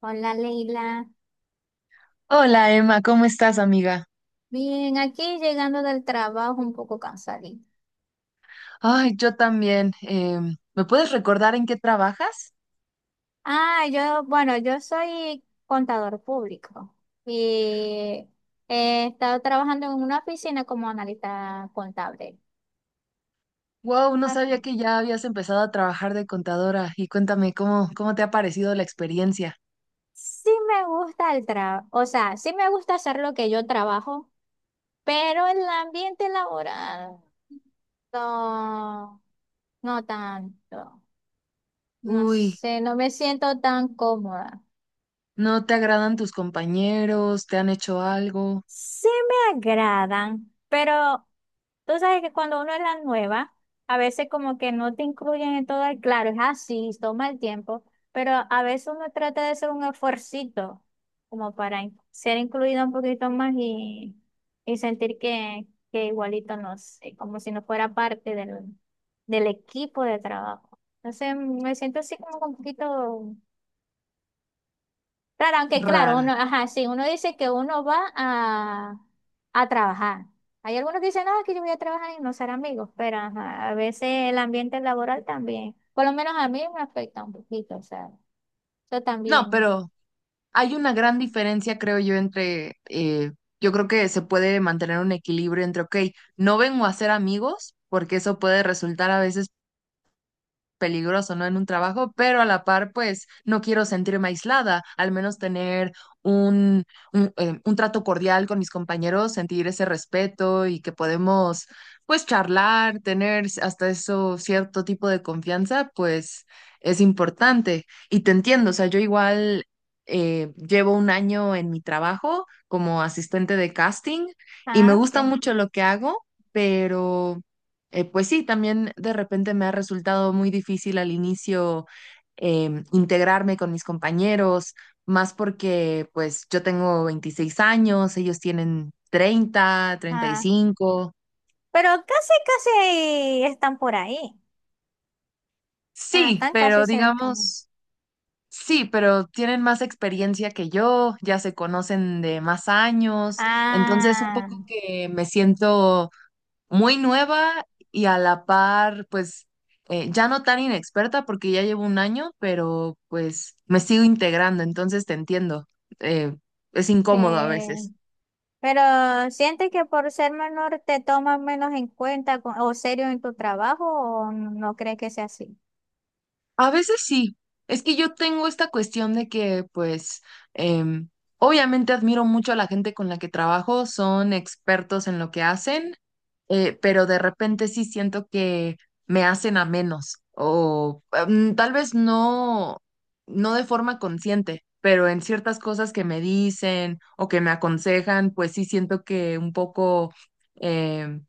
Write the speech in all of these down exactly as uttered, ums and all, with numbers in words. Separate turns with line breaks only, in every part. Hola Leila,
Hola Emma, ¿cómo estás, amiga?
bien, aquí llegando del trabajo un poco cansadita.
Ay, yo también. Em, ¿me puedes recordar en qué trabajas?
Ah, yo, bueno, yo soy contador público y he estado trabajando en una oficina como analista contable.
Wow, no
Ah,
sabía que ya habías empezado a trabajar de contadora y cuéntame cómo, cómo te ha parecido la experiencia.
sí me gusta el trabajo, o sea, sí me gusta hacer lo que yo trabajo, pero el ambiente laboral no, no tanto. No
Uy,
sé, no me siento tan cómoda.
¿no te agradan tus compañeros? ¿Te han hecho algo?
Sí me agradan, pero tú sabes que cuando uno es la nueva, a veces como que no te incluyen en todo el claro, es así, toma el tiempo, pero a veces uno trata de hacer un esfuercito como para in- ser incluido un poquito más y, y sentir que, que igualito no sé, como si no fuera parte del, del equipo de trabajo. Entonces me siento así como un poquito claro, aunque claro,
Rara.
uno, ajá, sí, uno dice que uno va a, a trabajar. Hay algunos que dicen, no, que yo voy a trabajar y no ser amigos, pero ajá, a veces el ambiente laboral también, por lo menos a mí me afecta un poquito, o sea, yo
No,
también.
pero hay una gran diferencia, creo yo, entre, eh, yo creo que se puede mantener un equilibrio entre, ok, no vengo a ser amigos, porque eso puede resultar a veces peligroso, ¿no? En un trabajo, pero a la par, pues no quiero sentirme aislada, al menos tener un, un, eh, un trato cordial con mis compañeros, sentir ese respeto y que podemos, pues, charlar, tener hasta eso cierto tipo de confianza, pues es importante. Y te entiendo, o sea, yo igual eh, llevo un año en mi trabajo como asistente de casting y me
Ah, sí.
gusta mucho lo que hago, pero... Eh, pues sí, también de repente me ha resultado muy difícil al inicio em, integrarme con mis compañeros, más porque pues yo tengo veintiséis años, ellos tienen treinta, treinta y
Ah,
cinco.
pero casi, casi están por ahí. O sea,
Sí,
están casi
pero
cerca.
digamos, sí, pero tienen más experiencia que yo, ya se conocen de más años, entonces un
Ah,
poco que me siento muy nueva y a la par, pues eh, ya no tan inexperta porque ya llevo un año, pero pues me sigo integrando, entonces te entiendo. Eh, es incómodo a
sí.
veces.
Pero ¿sientes que por ser menor te toman menos en cuenta co- o serio en tu trabajo o no crees que sea así?
A veces sí. Es que yo tengo esta cuestión de que, pues, em, obviamente admiro mucho a la gente con la que trabajo, son expertos en lo que hacen, eh, pero de repente sí siento que me hacen a menos o mm, tal vez no, no de forma consciente, pero en ciertas cosas que me dicen o que me aconsejan, pues sí siento que un poco eh,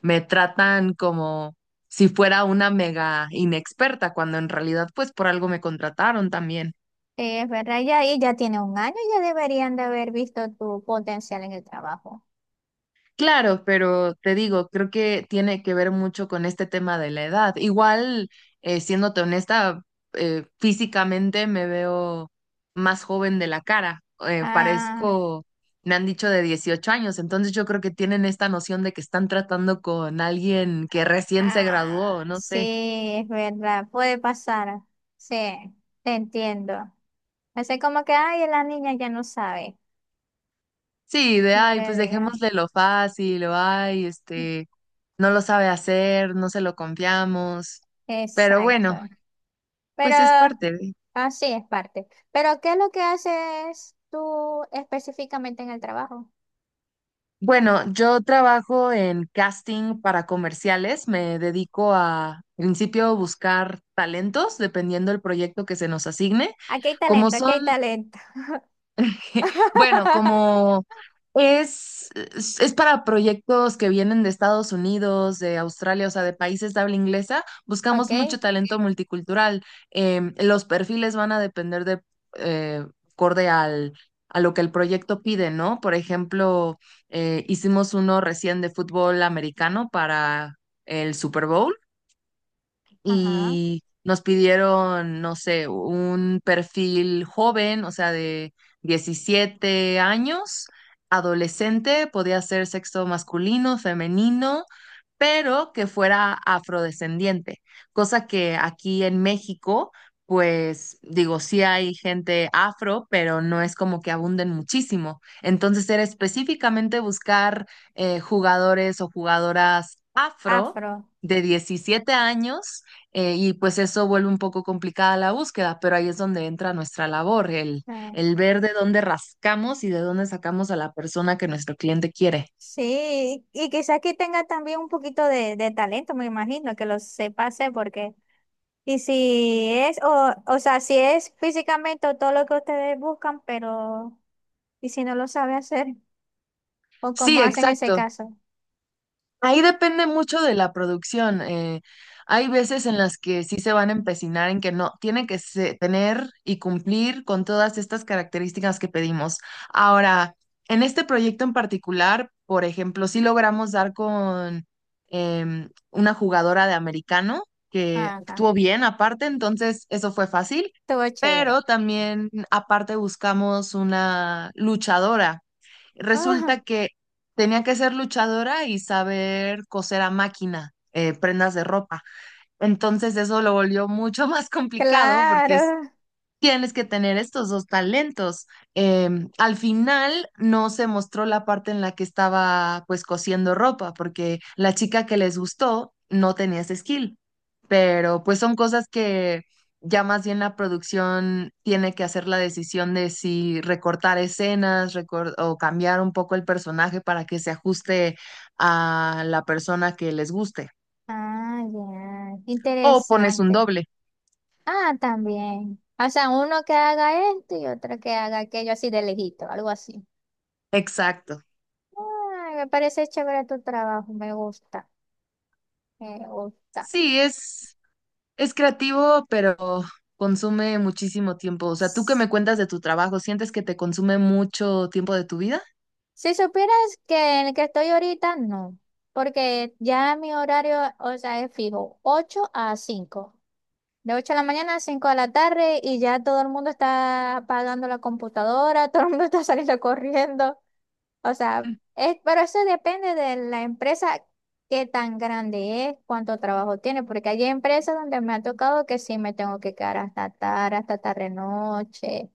me tratan como si fuera una mega inexperta, cuando en realidad pues por algo me contrataron también.
Sí, es verdad, ya ahí ya tiene un año, ya deberían de haber visto tu potencial en el trabajo.
Claro, pero te digo, creo que tiene que ver mucho con este tema de la edad. Igual, eh, siéndote honesta, eh, físicamente me veo más joven de la cara. Eh,
Ah,
parezco, me han dicho de dieciocho años, entonces yo creo que tienen esta noción de que están tratando con alguien que recién se
ah,
graduó, no
sí,
sé.
es verdad, puede pasar. Sí, te entiendo. Así como que, ay, la niña ya no sabe,
Sí, de,
no
ay,
le
pues
digas.
dejémosle lo fácil, o ay, este, no lo sabe hacer, no se lo confiamos. Pero bueno,
Exacto. Pero
pues es parte. De.
así es parte. Pero, ¿qué es lo que haces tú específicamente en el trabajo?
Bueno, yo trabajo en casting para comerciales. Me dedico a, en principio, buscar talentos dependiendo del proyecto que se nos asigne.
Aquí hay
Como
talento, aquí hay
son
talento.
bueno, como es, es, es para proyectos que vienen de Estados Unidos, de Australia, o sea, de países de habla inglesa,
Ok,
buscamos mucho talento multicultural. Em, los perfiles van a depender de, eh, acorde al, a lo que el proyecto pide, ¿no? Por ejemplo, eh, hicimos uno recién de fútbol americano para el Super Bowl
ajá,
y nos pidieron, no sé, un perfil joven, o sea, de diecisiete años, adolescente, podía ser sexo masculino, femenino pero que fuera afrodescendiente, cosa que aquí en México, pues digo, sí hay gente afro, pero no es como que abunden muchísimo. Entonces era específicamente buscar eh, jugadores o jugadoras afro
afro.
de diecisiete años eh, y pues eso vuelve un poco complicada la búsqueda, pero ahí es donde entra nuestra labor, el,
Ah,
el ver de dónde rascamos y de dónde sacamos a la persona que nuestro cliente quiere.
sí, y quizás que tenga también un poquito de, de talento, me imagino, que lo sepa hacer, porque, y si es, o, o sea, si es físicamente todo lo que ustedes buscan, pero, y si no lo sabe hacer, o cómo
Sí,
hacen ese
exacto.
caso.
Ahí depende mucho de la producción. Eh, hay veces en las que sí se van a empecinar en que no, tiene que se- tener y cumplir con todas estas características que pedimos. Ahora, en este proyecto en particular, por ejemplo, sí logramos dar con em, una jugadora de americano que
Ajá,
actuó bien aparte, entonces eso fue fácil,
todo
pero
chévere.
también aparte buscamos una luchadora.
Ah,
Resulta que tenía que ser luchadora y saber coser a máquina, eh, prendas de ropa. Entonces eso lo volvió mucho más complicado porque
claro.
tienes que tener estos dos talentos. Em, al final no se mostró la parte en la que estaba pues cosiendo ropa, porque la chica que les gustó no tenía ese skill, pero pues son cosas que ya más bien la producción tiene que hacer la decisión de si recortar escenas recor- o cambiar un poco el personaje para que se ajuste a la persona que les guste.
Ah, ya,
O pones un
interesante.
doble.
Ah, también. O sea, uno que haga esto y otro que haga aquello así de lejito, algo así.
Exacto.
Ah, me parece chévere tu trabajo, me gusta. Me gusta.
Sí, es... Es creativo, pero consume muchísimo tiempo. O sea, ¿tú qué me cuentas de tu trabajo? ¿Sientes que te consume mucho tiempo de tu vida?
Si supieras que en el que estoy ahorita, no, porque ya mi horario, o sea, es fijo, ocho a cinco, de ocho de la mañana a cinco de la tarde y ya todo el mundo está apagando la computadora, todo el mundo está saliendo corriendo, o sea, es, pero eso depende de la empresa, qué tan grande es, cuánto trabajo tiene, porque hay empresas donde me ha tocado que sí me tengo que quedar hasta tarde, hasta tarde noche.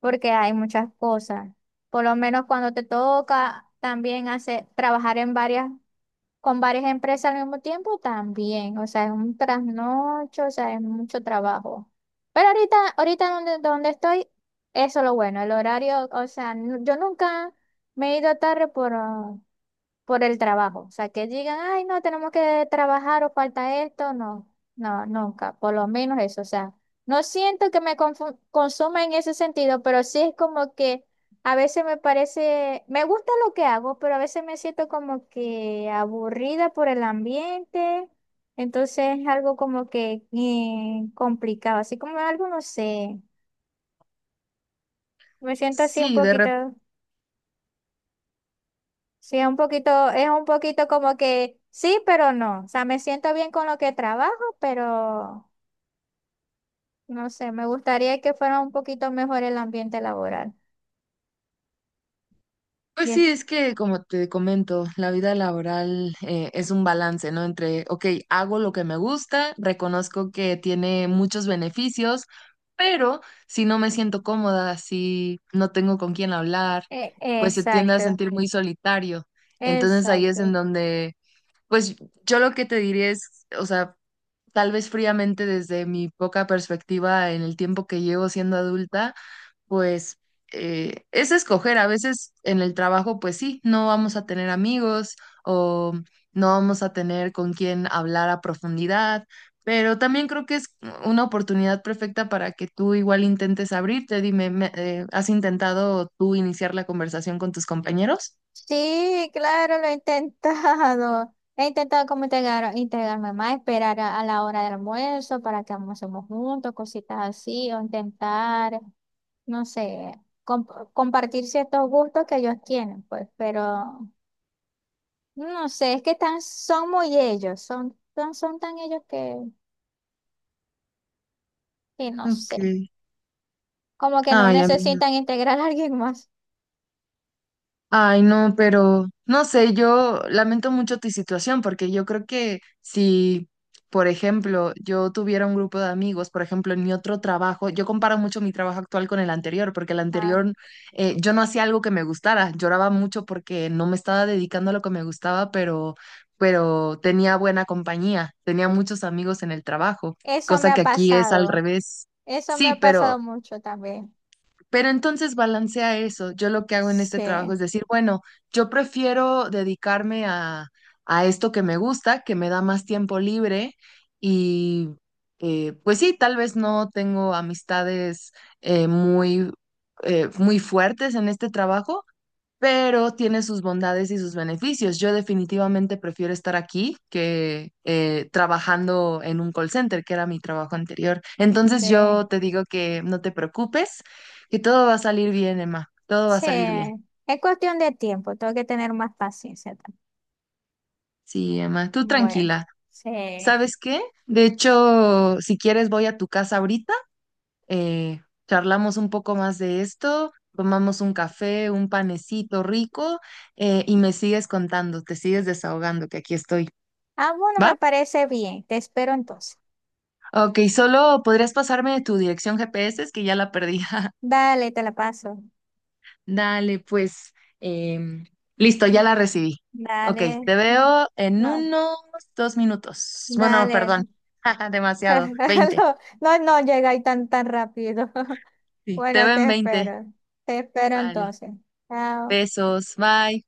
Porque hay muchas cosas. Por lo menos cuando te toca también hacer, trabajar en varias, con varias empresas al mismo tiempo, también. O sea, es un trasnocho, o sea, es mucho trabajo. Pero ahorita, ahorita donde, donde estoy, eso es lo bueno, el horario, o sea, nu- yo nunca me he ido tarde por, ah, por el trabajo. O sea, que digan, ay, no, tenemos que trabajar o falta esto. No, no, nunca, por lo menos eso. O sea, no siento que me confu- consuma en ese sentido, pero sí es como que a veces me parece, me gusta lo que hago, pero a veces me siento como que aburrida por el ambiente. Entonces es algo como que eh, complicado, así como algo, no sé, me siento así un
Sí, de repente,
poquito. Sí, es un poquito, es un poquito como que sí, pero no. O sea, me siento bien con lo que trabajo, pero no sé, me gustaría que fuera un poquito mejor el ambiente laboral.
pues sí,
Bien.
es que como te comento, la vida laboral eh, es un balance, ¿no? Entre, ok, hago lo que me gusta, reconozco que tiene muchos beneficios, pero si no me siento cómoda, si no tengo con quién hablar,
E-
pues se tiende a
exacto,
sentir muy solitario. Entonces ahí es en
exacto.
donde pues yo lo que te diría es, o sea, tal vez fríamente desde mi poca perspectiva en el tiempo que llevo siendo adulta, pues eh, es escoger. A veces en el trabajo, pues sí, no vamos a tener amigos o no vamos a tener con quién hablar a profundidad, pero también creo que es una oportunidad perfecta para que tú igual intentes abrirte. Dime, me- eh, ¿has intentado tú iniciar la conversación con tus compañeros?
Sí, claro, lo he intentado. He intentado como integrar, integrarme más, esperar a, a la hora del almuerzo para que almorcemos juntos, cositas así, o intentar, no sé, comp- compartir ciertos gustos que ellos tienen, pues, pero no sé, es que tan, son muy ellos, son, son, son tan ellos que, que no sé,
Ok.
como que no
Ay, amiga.
necesitan integrar a alguien más.
Ay, no, pero no sé, yo lamento mucho tu situación porque yo creo que si, por ejemplo, yo tuviera un grupo de amigos, por ejemplo, en mi otro trabajo, yo comparo mucho mi trabajo actual con el anterior, porque el
Ah,
anterior eh, yo no hacía algo que me gustara, lloraba mucho porque no me estaba dedicando a lo que me gustaba, pero, pero tenía buena compañía, tenía muchos amigos en el trabajo,
eso me
cosa que
ha
aquí es al
pasado,
revés.
eso me
Sí,
ha pasado
pero...
mucho también.
Pero entonces balancea eso. Yo lo que hago en este trabajo
Sí,
es decir, bueno, yo prefiero dedicarme a, a esto que me gusta, que me da más tiempo libre y eh, pues sí, tal vez no tengo amistades eh, muy, eh, muy fuertes en este trabajo, pero tiene sus bondades y sus beneficios. Yo definitivamente prefiero estar aquí que eh, trabajando en un call center, que era mi trabajo anterior. Entonces
sí.
yo te digo que no te preocupes, que todo va a salir bien, Emma. Todo va a
Sí,
salir bien.
es cuestión de tiempo, tengo que tener más paciencia también.
Sí, Emma, tú
Bueno,
tranquila.
sí.
¿Sabes qué? De hecho, si quieres voy a tu casa ahorita, eh, charlamos un poco más de esto. Tomamos un café, un panecito rico eh, y me sigues contando, te sigues desahogando, que aquí estoy.
Ah, bueno, me
¿Va?
parece bien, te espero entonces.
Ok, solo podrías pasarme tu dirección G P S, es que ya la perdí.
Dale, te la paso.
Dale, pues. em, Listo, ya la recibí. Ok,
Dale,
te veo en
no,
unos dos minutos. Bueno,
dale.
perdón. Demasiado. Veinte.
No, no, no llega ahí tan, tan rápido.
Sí, te
Bueno,
veo en
te
veinte.
espero. Te espero
Vale.
entonces. Chao.
Besos. Bye.